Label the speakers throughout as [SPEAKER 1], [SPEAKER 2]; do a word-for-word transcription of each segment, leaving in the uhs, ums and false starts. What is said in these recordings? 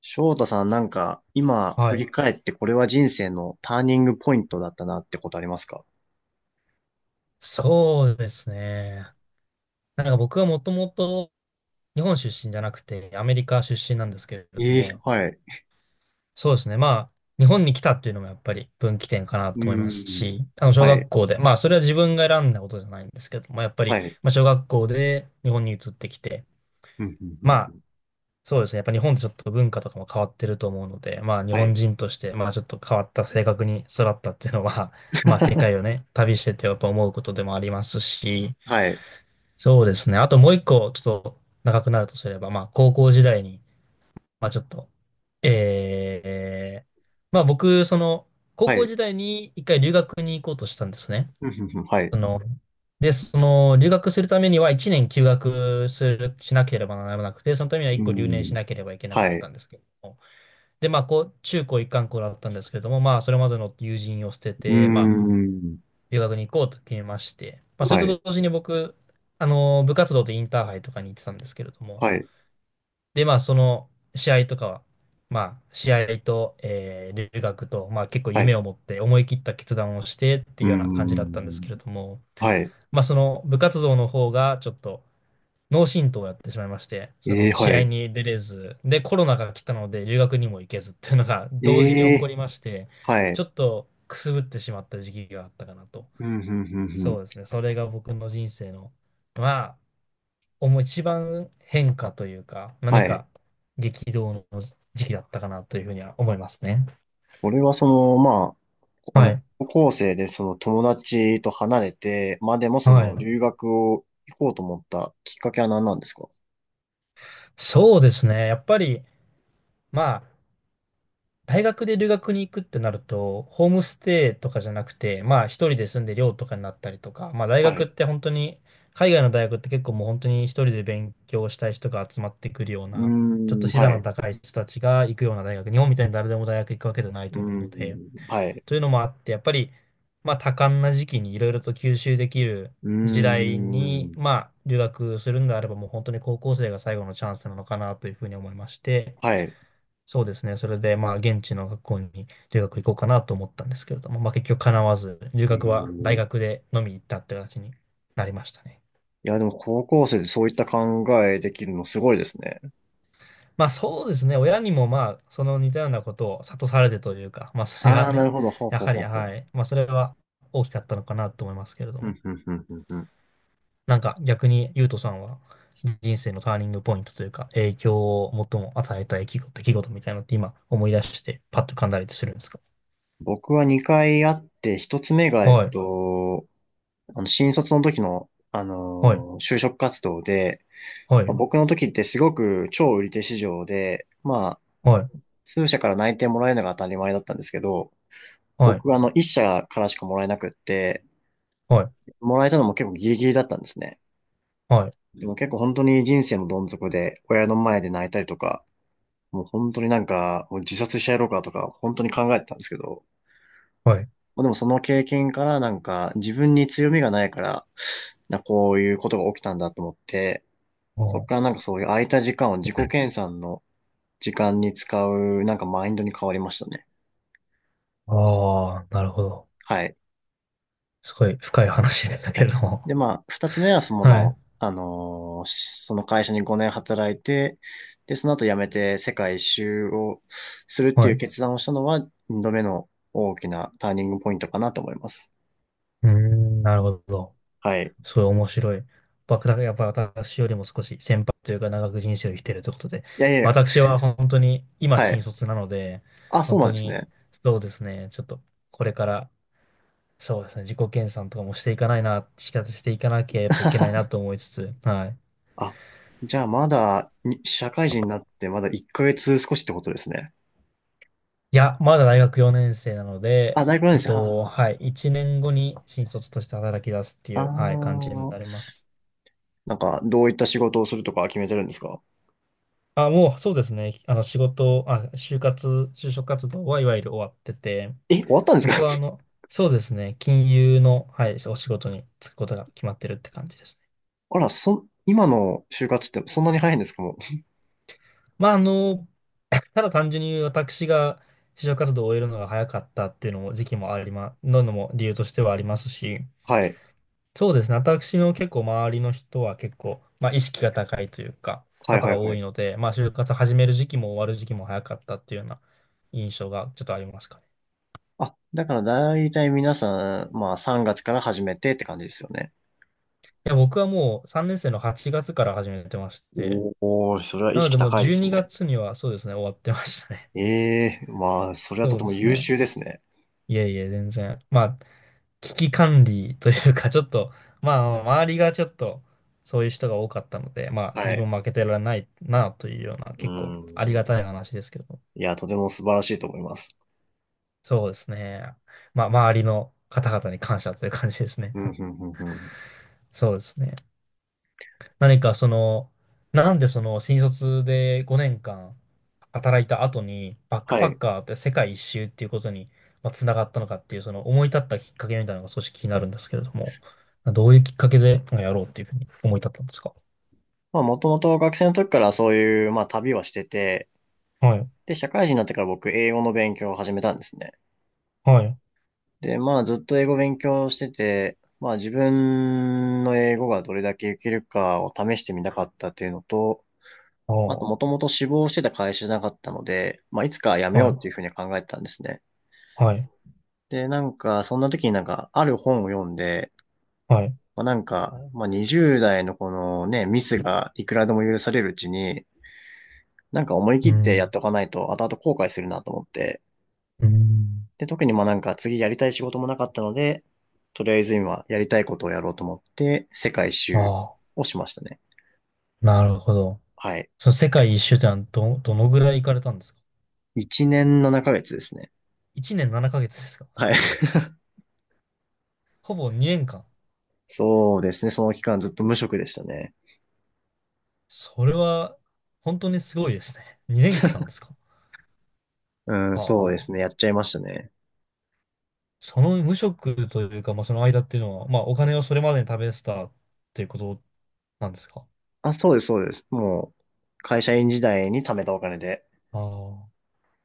[SPEAKER 1] 翔太さん、なんか、今振
[SPEAKER 2] は
[SPEAKER 1] り
[SPEAKER 2] い。
[SPEAKER 1] 返ってこれは人生のターニングポイントだったなってことありますか？
[SPEAKER 2] そうですね。なんか僕はもともと日本出身じゃなくてアメリカ出身なんですけれど
[SPEAKER 1] ええ
[SPEAKER 2] も、
[SPEAKER 1] はい。
[SPEAKER 2] そうですね。まあ、日本に来たっていうのもやっぱり分岐点かな
[SPEAKER 1] う
[SPEAKER 2] と思います
[SPEAKER 1] ん。
[SPEAKER 2] し、あの、小
[SPEAKER 1] は
[SPEAKER 2] 学
[SPEAKER 1] い。
[SPEAKER 2] 校で、まあ、それは自分が選んだことじゃないんですけども、やっぱ
[SPEAKER 1] は
[SPEAKER 2] り、
[SPEAKER 1] い。
[SPEAKER 2] まあ、小学校で日本に移ってきて、
[SPEAKER 1] うん、うん、うん
[SPEAKER 2] ま
[SPEAKER 1] う
[SPEAKER 2] あ、
[SPEAKER 1] ん。
[SPEAKER 2] そうですね。やっぱ日本ってちょっと文化とかも変わってると思うので、まあ、日
[SPEAKER 1] は
[SPEAKER 2] 本
[SPEAKER 1] い。
[SPEAKER 2] 人として、まあ、ちょっと変わった性格に育ったっていうのは、まあ、世界 をね、旅しててやっぱ思うことでもありますし、
[SPEAKER 1] はい。
[SPEAKER 2] そうですね。あともう一個、ちょっと長くなるとすれば、まあ、高校時代に、まあ、ちょっと、えー、まあ、僕、その、高
[SPEAKER 1] は
[SPEAKER 2] 校
[SPEAKER 1] い。
[SPEAKER 2] 時代に一回留学に行こうとしたんですね。
[SPEAKER 1] うん、うん、うんはい。
[SPEAKER 2] その、で、その、留学するためには一年休学する、しなければならなくて、そのためには
[SPEAKER 1] う
[SPEAKER 2] 一個留年し
[SPEAKER 1] ん。
[SPEAKER 2] なければいけなか
[SPEAKER 1] は
[SPEAKER 2] った
[SPEAKER 1] い。
[SPEAKER 2] んですけども。で、まあ、こう、中高一貫校だったんですけれども、まあ、それまでの友人を捨て
[SPEAKER 1] う
[SPEAKER 2] て、まあ、
[SPEAKER 1] ん。
[SPEAKER 2] 留学に行こうと決めまして、まあ、それ
[SPEAKER 1] は
[SPEAKER 2] と
[SPEAKER 1] い。
[SPEAKER 2] 同時に僕、あの、部活動でインターハイとかに行ってたんですけれども、
[SPEAKER 1] はい。
[SPEAKER 2] で、まあ、その試合とかは、まあ、試合と、えー留学と、まあ、結構
[SPEAKER 1] はい。
[SPEAKER 2] 夢を持って思い切った決断をしてってい
[SPEAKER 1] う
[SPEAKER 2] うような感じだったんです
[SPEAKER 1] ん。
[SPEAKER 2] けれども、
[SPEAKER 1] はい。
[SPEAKER 2] まあ、その部活動の方がちょっと脳震盪をやってしまいまして、そ
[SPEAKER 1] ええ
[SPEAKER 2] の試
[SPEAKER 1] は
[SPEAKER 2] 合
[SPEAKER 1] い。
[SPEAKER 2] に出れず、で、コロナが来たので留学にも行けずっていうのが
[SPEAKER 1] え
[SPEAKER 2] 同時に起こ
[SPEAKER 1] え
[SPEAKER 2] りまして、
[SPEAKER 1] は
[SPEAKER 2] ち
[SPEAKER 1] い。
[SPEAKER 2] ょっとくすぶってしまった時期があったかなと。
[SPEAKER 1] うん、うん、うん、うん。
[SPEAKER 2] そうですね。それが僕の人生の、まあ、思う一番変化というか、
[SPEAKER 1] は
[SPEAKER 2] 何
[SPEAKER 1] い。
[SPEAKER 2] か激動の時期だったかなというふうには思いますね。
[SPEAKER 1] 俺はその、まあ、あ
[SPEAKER 2] は
[SPEAKER 1] の、
[SPEAKER 2] い。
[SPEAKER 1] 高校生でその友達と離れて、まあでもそ
[SPEAKER 2] は
[SPEAKER 1] の
[SPEAKER 2] い。
[SPEAKER 1] 留学を行こうと思ったきっかけは何なんですか？
[SPEAKER 2] そうですね。やっぱり、まあ、大学で留学に行くってなると、ホームステイとかじゃなくて、まあ、一人で住んで寮とかになったりとか、まあ、大
[SPEAKER 1] はい。
[SPEAKER 2] 学っ
[SPEAKER 1] う
[SPEAKER 2] て本当に、海外の大学って結構もう本当に一人で勉強したい人が集まってくるよう
[SPEAKER 1] ー
[SPEAKER 2] な、ちょっと
[SPEAKER 1] ん、
[SPEAKER 2] 資
[SPEAKER 1] は
[SPEAKER 2] 産
[SPEAKER 1] い。
[SPEAKER 2] の
[SPEAKER 1] う
[SPEAKER 2] 高い人たちが行くような大学、日本みたいに誰でも大学行くわけじゃない
[SPEAKER 1] ー
[SPEAKER 2] と思う
[SPEAKER 1] ん、
[SPEAKER 2] ので、
[SPEAKER 1] はい。
[SPEAKER 2] というのもあって、やっぱり、まあ、多感な時期にいろいろと吸収できる
[SPEAKER 1] うー
[SPEAKER 2] 時代に、
[SPEAKER 1] ん、
[SPEAKER 2] まあ、留学するんであれば、もう本当に高校生が最後のチャンスなのかなというふうに思いまして、
[SPEAKER 1] はい。
[SPEAKER 2] そうですね。それで、まあ、現地の学校に留学行こうかなと思ったんですけれども、まあ、結局叶わず、留
[SPEAKER 1] えー、
[SPEAKER 2] 学は大
[SPEAKER 1] い
[SPEAKER 2] 学でのみ行ったという形になりましたね。
[SPEAKER 1] や、でも高校生でそういった考えできるのすごいですね。
[SPEAKER 2] まあ、そうですね。親にも、まあ、その似たようなことを諭されてというか、まあ、それ
[SPEAKER 1] あ
[SPEAKER 2] が
[SPEAKER 1] あ、な
[SPEAKER 2] ね、
[SPEAKER 1] るほど。ほう
[SPEAKER 2] や
[SPEAKER 1] ほう
[SPEAKER 2] は
[SPEAKER 1] ほ
[SPEAKER 2] り、
[SPEAKER 1] うほ
[SPEAKER 2] は
[SPEAKER 1] う。
[SPEAKER 2] い。まあ、それは大きかったのかなと思いますけれど
[SPEAKER 1] ふん
[SPEAKER 2] も。
[SPEAKER 1] ふんふんふんふん。
[SPEAKER 2] なんか逆に、ゆうとさんは人生のターニングポイントというか、影響を最も与えた出来事、出来事みたいなのって今思い出して、パッと噛んだりするんですか？
[SPEAKER 1] 僕はにかいあって、ひとつめが、えっ
[SPEAKER 2] はい、
[SPEAKER 1] と、あの、新卒の時の、あ
[SPEAKER 2] はい、
[SPEAKER 1] のー就職活動で、
[SPEAKER 2] はい、
[SPEAKER 1] まあ僕の時ってすごく超売り手市場で、まあ、
[SPEAKER 2] はい、
[SPEAKER 1] 数社から内定もらえるのが当たり前だったんですけど、
[SPEAKER 2] はい、
[SPEAKER 1] 僕はあの、一社からしかもらえなくって、
[SPEAKER 2] はい、
[SPEAKER 1] もらえたのも結構ギリギリだったんですね。
[SPEAKER 2] はい、
[SPEAKER 1] でも結構本当に人生のどん底で、親の前で泣いたりとか、もう本当になんか、もう自殺してやろうかとか、本当に考えてたんですけど、
[SPEAKER 2] はい。
[SPEAKER 1] まあでもその経験からなんか、自分に強みがないから、な、こういうことが起きたんだと思って、そこ
[SPEAKER 2] あ
[SPEAKER 1] からなんかそういう空いた時間を自己研鑽の時間に使う、なんかマインドに変わりましたね。
[SPEAKER 2] あ、あーなるほど。
[SPEAKER 1] はい。
[SPEAKER 2] すごい深い話でした
[SPEAKER 1] は
[SPEAKER 2] け
[SPEAKER 1] い。
[SPEAKER 2] れども。
[SPEAKER 1] で、まあ、ふたつめはそ
[SPEAKER 2] はい、
[SPEAKER 1] の、あのーしその会社にごねん働いて、で、その後辞めて世界一周をするって
[SPEAKER 2] は
[SPEAKER 1] い
[SPEAKER 2] い。
[SPEAKER 1] う
[SPEAKER 2] う
[SPEAKER 1] 決断をしたのは、にどめの大きなターニングポイントかなと思います。
[SPEAKER 2] ーん、なるほど。
[SPEAKER 1] はい。
[SPEAKER 2] すごい面白い。僕だからやっぱ私よりも少し先輩というか長く人生を生きてるということで、
[SPEAKER 1] いやいや、
[SPEAKER 2] まあ私は本当に今
[SPEAKER 1] はい。
[SPEAKER 2] 新卒なので、
[SPEAKER 1] あ、そ
[SPEAKER 2] 本
[SPEAKER 1] うなん
[SPEAKER 2] 当
[SPEAKER 1] です
[SPEAKER 2] に
[SPEAKER 1] ね。
[SPEAKER 2] そうですね、ちょっとこれからそうですね、自己研鑽とかもしていかないな、仕方していかなければいけないな と思いつつ、はい。
[SPEAKER 1] あ、じゃあまだに、社会人になってまだいっかげつ少しってことですね。
[SPEAKER 2] いや、まだ大学よねん生なので、
[SPEAKER 1] あ、大学なんで
[SPEAKER 2] えっ
[SPEAKER 1] すね。はあ、
[SPEAKER 2] と、
[SPEAKER 1] は
[SPEAKER 2] はい、いちねんごに新卒として働き出すって
[SPEAKER 1] あ、
[SPEAKER 2] い
[SPEAKER 1] あ
[SPEAKER 2] う、はい、感じに
[SPEAKER 1] ー、
[SPEAKER 2] なります。
[SPEAKER 1] なんか、どういった仕事をするとか決めてるんですか？
[SPEAKER 2] あ、もうそうですね、あの仕事、あ、就活、就職活動はいわゆる終わってて、
[SPEAKER 1] え、終わったんですか？
[SPEAKER 2] 僕はあ の、そうですね、金融の、はい、お仕事に就くことが決まってるって感じですね。
[SPEAKER 1] あら、そ、今の就活ってそんなに早いんですかもう。
[SPEAKER 2] まあ、あの、ただ単純に私が就職活動を終えるのが早かったっていうのも時期もありま、ののも理由としてはありますし、
[SPEAKER 1] はい。
[SPEAKER 2] そうですね、私の結構周りの人は結構、まあ、意識が高いというか、
[SPEAKER 1] はい
[SPEAKER 2] 方
[SPEAKER 1] は
[SPEAKER 2] が
[SPEAKER 1] いは
[SPEAKER 2] 多い
[SPEAKER 1] い。
[SPEAKER 2] ので、まあ、就活始める時期も終わる時期も早かったっていうような印象がちょっとありますかね。
[SPEAKER 1] あ、だから大体皆さん、まあさんがつから始めてって感じですよね。
[SPEAKER 2] いや、僕はもうさんねん生のはちがつから始めてまして、
[SPEAKER 1] おー、それは意
[SPEAKER 2] なの
[SPEAKER 1] 識
[SPEAKER 2] でもう
[SPEAKER 1] 高いで
[SPEAKER 2] 12
[SPEAKER 1] すね。
[SPEAKER 2] 月にがつにはそうですね、終わってましたね。
[SPEAKER 1] ええ、まあ、それ はと
[SPEAKER 2] そう
[SPEAKER 1] て
[SPEAKER 2] で
[SPEAKER 1] も
[SPEAKER 2] す
[SPEAKER 1] 優
[SPEAKER 2] ね。
[SPEAKER 1] 秀ですね。
[SPEAKER 2] いえいえ、全然。まあ、危機管理というか、ちょっと、まあ、周りがちょっと、そういう人が多かったので、まあ、
[SPEAKER 1] は
[SPEAKER 2] 自
[SPEAKER 1] い。
[SPEAKER 2] 分負けてられないなというような、
[SPEAKER 1] う
[SPEAKER 2] 結構ありが
[SPEAKER 1] ん。
[SPEAKER 2] たい話ですけど、
[SPEAKER 1] いや、とても素晴らしいと思います。
[SPEAKER 2] そうですね。まあ、周りの方々に感謝という感じですね。
[SPEAKER 1] うん、うん、うん、うん。
[SPEAKER 2] そうですね。何かその、なんでその新卒でごねんかん働いた後にバック
[SPEAKER 1] は
[SPEAKER 2] パッ
[SPEAKER 1] い。
[SPEAKER 2] カーって世界一周っていうことにまあつながったのかっていうその思い立ったきっかけみたいなのが少し気になるんですけれども、どういうきっかけでまあやろうっていうふうに思い立ったんですか？
[SPEAKER 1] まあ、もともと学生の時からそういう、まあ、旅はしてて、
[SPEAKER 2] はい、
[SPEAKER 1] で、社会人になってから僕、英語の勉強を始めたんですね。
[SPEAKER 2] はい、
[SPEAKER 1] で、まあずっと英語勉強してて、まあ自分の英語がどれだけいけるかを試してみたかったっていうのと、
[SPEAKER 2] あ
[SPEAKER 1] まあと
[SPEAKER 2] あ、
[SPEAKER 1] もともと志望してた会社じゃなかったので、まあいつか辞め
[SPEAKER 2] は
[SPEAKER 1] ようっ
[SPEAKER 2] い、
[SPEAKER 1] ていうふうに考えてたんですね。
[SPEAKER 2] はい、
[SPEAKER 1] で、なんかそんな時になんかある本を読んで、
[SPEAKER 2] はい。
[SPEAKER 1] まあなんか、まあにじゅう代のこのね、ミスがいくらでも許されるうちに、なんか思い切
[SPEAKER 2] う
[SPEAKER 1] ってやっ
[SPEAKER 2] ん、
[SPEAKER 1] ておかないと後々後悔するなと思って、
[SPEAKER 2] うん。
[SPEAKER 1] で、特にまあなんか次やりたい仕事もなかったので、とりあえず今やりたいことをやろうと思って、世界一周
[SPEAKER 2] あ
[SPEAKER 1] をしましたね。
[SPEAKER 2] あ、なるほど。
[SPEAKER 1] はい。
[SPEAKER 2] その世界一周ってのはど、どのぐらい行かれたんですか？
[SPEAKER 1] いちねんななかげつですね。
[SPEAKER 2] いち 年ななかげつですか？
[SPEAKER 1] はい。
[SPEAKER 2] ほぼにねんかん。
[SPEAKER 1] そうですね。その期間ずっと無職でしたね。
[SPEAKER 2] それは本当にすごいですね。にねんかんですか。
[SPEAKER 1] うん、
[SPEAKER 2] あ
[SPEAKER 1] そうですね。や
[SPEAKER 2] あ。
[SPEAKER 1] っちゃいましたね。
[SPEAKER 2] その無職というか、まあ、その間っていうのは、まあ、お金をそれまでに食べてたっていうことなんですか。
[SPEAKER 1] あ、そうです、そうです。もう、会社員時代に貯めたお金で。
[SPEAKER 2] ああ。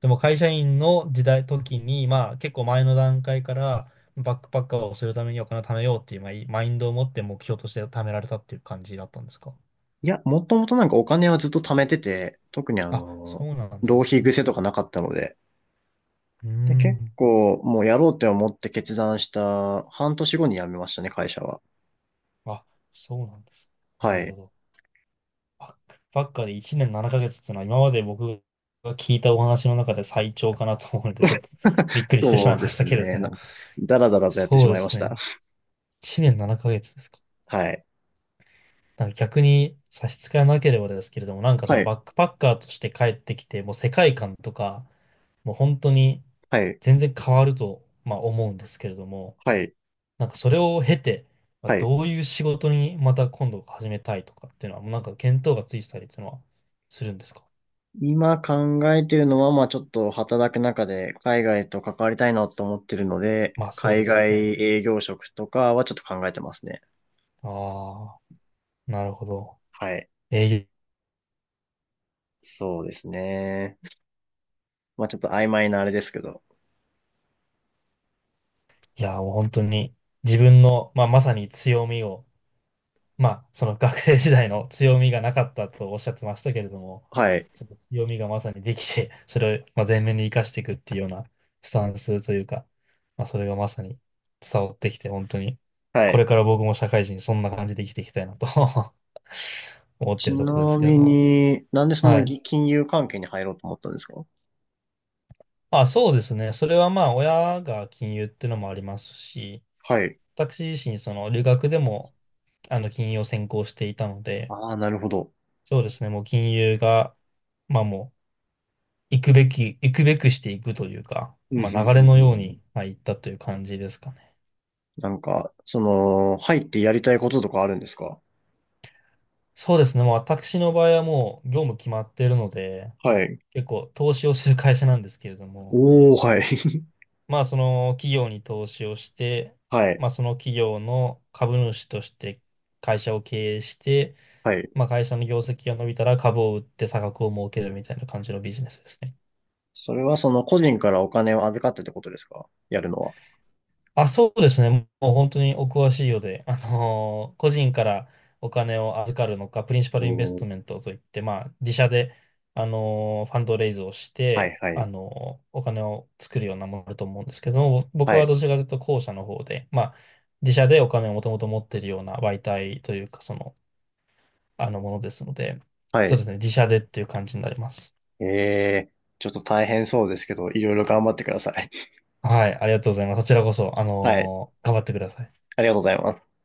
[SPEAKER 2] でも会社員の時代、時に、まあ、結構前の段階から、バックパッカーをするためにお金を貯めようっていう、まあ、いマインドを持って目標として貯められたっていう感じだったんですか。
[SPEAKER 1] いや、もともとなんかお金はずっと貯めてて、特にあ
[SPEAKER 2] あ、そ
[SPEAKER 1] の、
[SPEAKER 2] うなんで
[SPEAKER 1] 浪
[SPEAKER 2] す
[SPEAKER 1] 費
[SPEAKER 2] ね。
[SPEAKER 1] 癖とかなかったので、
[SPEAKER 2] うー
[SPEAKER 1] で、結
[SPEAKER 2] ん。
[SPEAKER 1] 構、もうやろうって思って決断したはんとし後に辞めましたね、会社は。
[SPEAKER 2] あ、そうなんです。な
[SPEAKER 1] は
[SPEAKER 2] るほ
[SPEAKER 1] い。
[SPEAKER 2] ど。バックパッカーでいちねんななかげつっていうのは今まで僕が聞いたお話の中で最長かなと思うので、ちょっとびっくりしてし
[SPEAKER 1] そ
[SPEAKER 2] まい
[SPEAKER 1] う
[SPEAKER 2] ま
[SPEAKER 1] で
[SPEAKER 2] した
[SPEAKER 1] す
[SPEAKER 2] けれど
[SPEAKER 1] ね。ね。なん
[SPEAKER 2] も。
[SPEAKER 1] か、だらだらとやってし
[SPEAKER 2] そうで
[SPEAKER 1] まいま
[SPEAKER 2] す
[SPEAKER 1] し
[SPEAKER 2] ね。
[SPEAKER 1] た。
[SPEAKER 2] いちねんななかげつですか。
[SPEAKER 1] はい。
[SPEAKER 2] なんか逆に差し支えなければですけれども、なんかそ
[SPEAKER 1] は
[SPEAKER 2] の
[SPEAKER 1] い。
[SPEAKER 2] バックパッカーとして帰ってきて、もう世界観とか、もう本当に
[SPEAKER 1] はい。
[SPEAKER 2] 全然変わると、まあ、思うんですけれども、
[SPEAKER 1] はい。
[SPEAKER 2] なんかそれを経て、まあ、
[SPEAKER 1] はい。
[SPEAKER 2] どういう仕事にまた今度始めたいとかっていうのは、もうなんか見当がついてたりっていうのはするんですか？
[SPEAKER 1] 今考えてるのは、まあちょっと働く中で海外と関わりたいなと思ってるので、
[SPEAKER 2] まあそう
[SPEAKER 1] 海
[SPEAKER 2] ですよ
[SPEAKER 1] 外
[SPEAKER 2] ね。
[SPEAKER 1] 営業職とかはちょっと考えてますね。
[SPEAKER 2] ああ、なるほど。
[SPEAKER 1] はい。
[SPEAKER 2] えー
[SPEAKER 1] そうですね。まあちょっと曖昧なあれですけど。
[SPEAKER 2] いや、もう本当に自分の、まあ、まさに強みを、まあ、その学生時代の強みがなかったとおっしゃってましたけれども、
[SPEAKER 1] はい。
[SPEAKER 2] ちょっと強みがまさにできて、それを、まあ、前面に生かしていくっていうようなスタンスというか、まあ、それがまさに伝わってきて、本当に、
[SPEAKER 1] は
[SPEAKER 2] こ
[SPEAKER 1] い。
[SPEAKER 2] れから僕も社会人、そんな感じで生きていきたいなと 思って
[SPEAKER 1] ち
[SPEAKER 2] るところで
[SPEAKER 1] な
[SPEAKER 2] すけど
[SPEAKER 1] み
[SPEAKER 2] も。
[SPEAKER 1] に、なんでその
[SPEAKER 2] はい。
[SPEAKER 1] ぎ金融関係に入ろうと思ったんですか？
[SPEAKER 2] あ、そうですね。それはまあ、親が金融っていうのもありますし、
[SPEAKER 1] はい。
[SPEAKER 2] 私自身、その留学でも、あの、金融を専攻していたので、
[SPEAKER 1] ああ、なるほど。
[SPEAKER 2] そうですね、もう金融が、まあもう、行くべき、行くべくしていくというか、
[SPEAKER 1] うん、うん、
[SPEAKER 2] ま
[SPEAKER 1] うん、
[SPEAKER 2] あ流れのよう
[SPEAKER 1] うん。
[SPEAKER 2] に、まあ、行ったという感じですかね。
[SPEAKER 1] なんか、その、入ってやりたいこととかあるんですか？
[SPEAKER 2] そうですね、もう私の場合はもう業務決まっているので、
[SPEAKER 1] はい。
[SPEAKER 2] 結構投資をする会社なんですけれども、
[SPEAKER 1] おー、はい。
[SPEAKER 2] まあその企業に投資をして、
[SPEAKER 1] はい。
[SPEAKER 2] まあその企業の株主として会社を経営して、
[SPEAKER 1] はい。
[SPEAKER 2] まあ、会社の業績が伸びたら株を売って差額を儲けるみたいな感じのビジネスですね。
[SPEAKER 1] それはその個人からお金を預かってってことですか、やるのは？
[SPEAKER 2] あ、そうですね。もう本当にお詳しいようで、あのー個人からお金を預かるのか、プリンシパルインベス
[SPEAKER 1] おー、
[SPEAKER 2] トメントといって、まあ、自社で、あのーファンドレイズをし
[SPEAKER 1] は
[SPEAKER 2] て、
[SPEAKER 1] い、はい。
[SPEAKER 2] あのーお金を作るようなものだと思うんですけども、僕
[SPEAKER 1] は
[SPEAKER 2] は
[SPEAKER 1] い。
[SPEAKER 2] どちらかというと後者の方で、まあ、自社でお金をもともと持っているような媒体というか、その、あのものですので、
[SPEAKER 1] は
[SPEAKER 2] そう
[SPEAKER 1] い。
[SPEAKER 2] ですね、自社でっていう感じになります。
[SPEAKER 1] ええー、ちょっと大変そうですけど、いろいろ頑張ってください。
[SPEAKER 2] はい、ありがとうございます。こちらこそ、あ
[SPEAKER 1] はい。
[SPEAKER 2] のー頑張ってください。
[SPEAKER 1] ありがとうございます。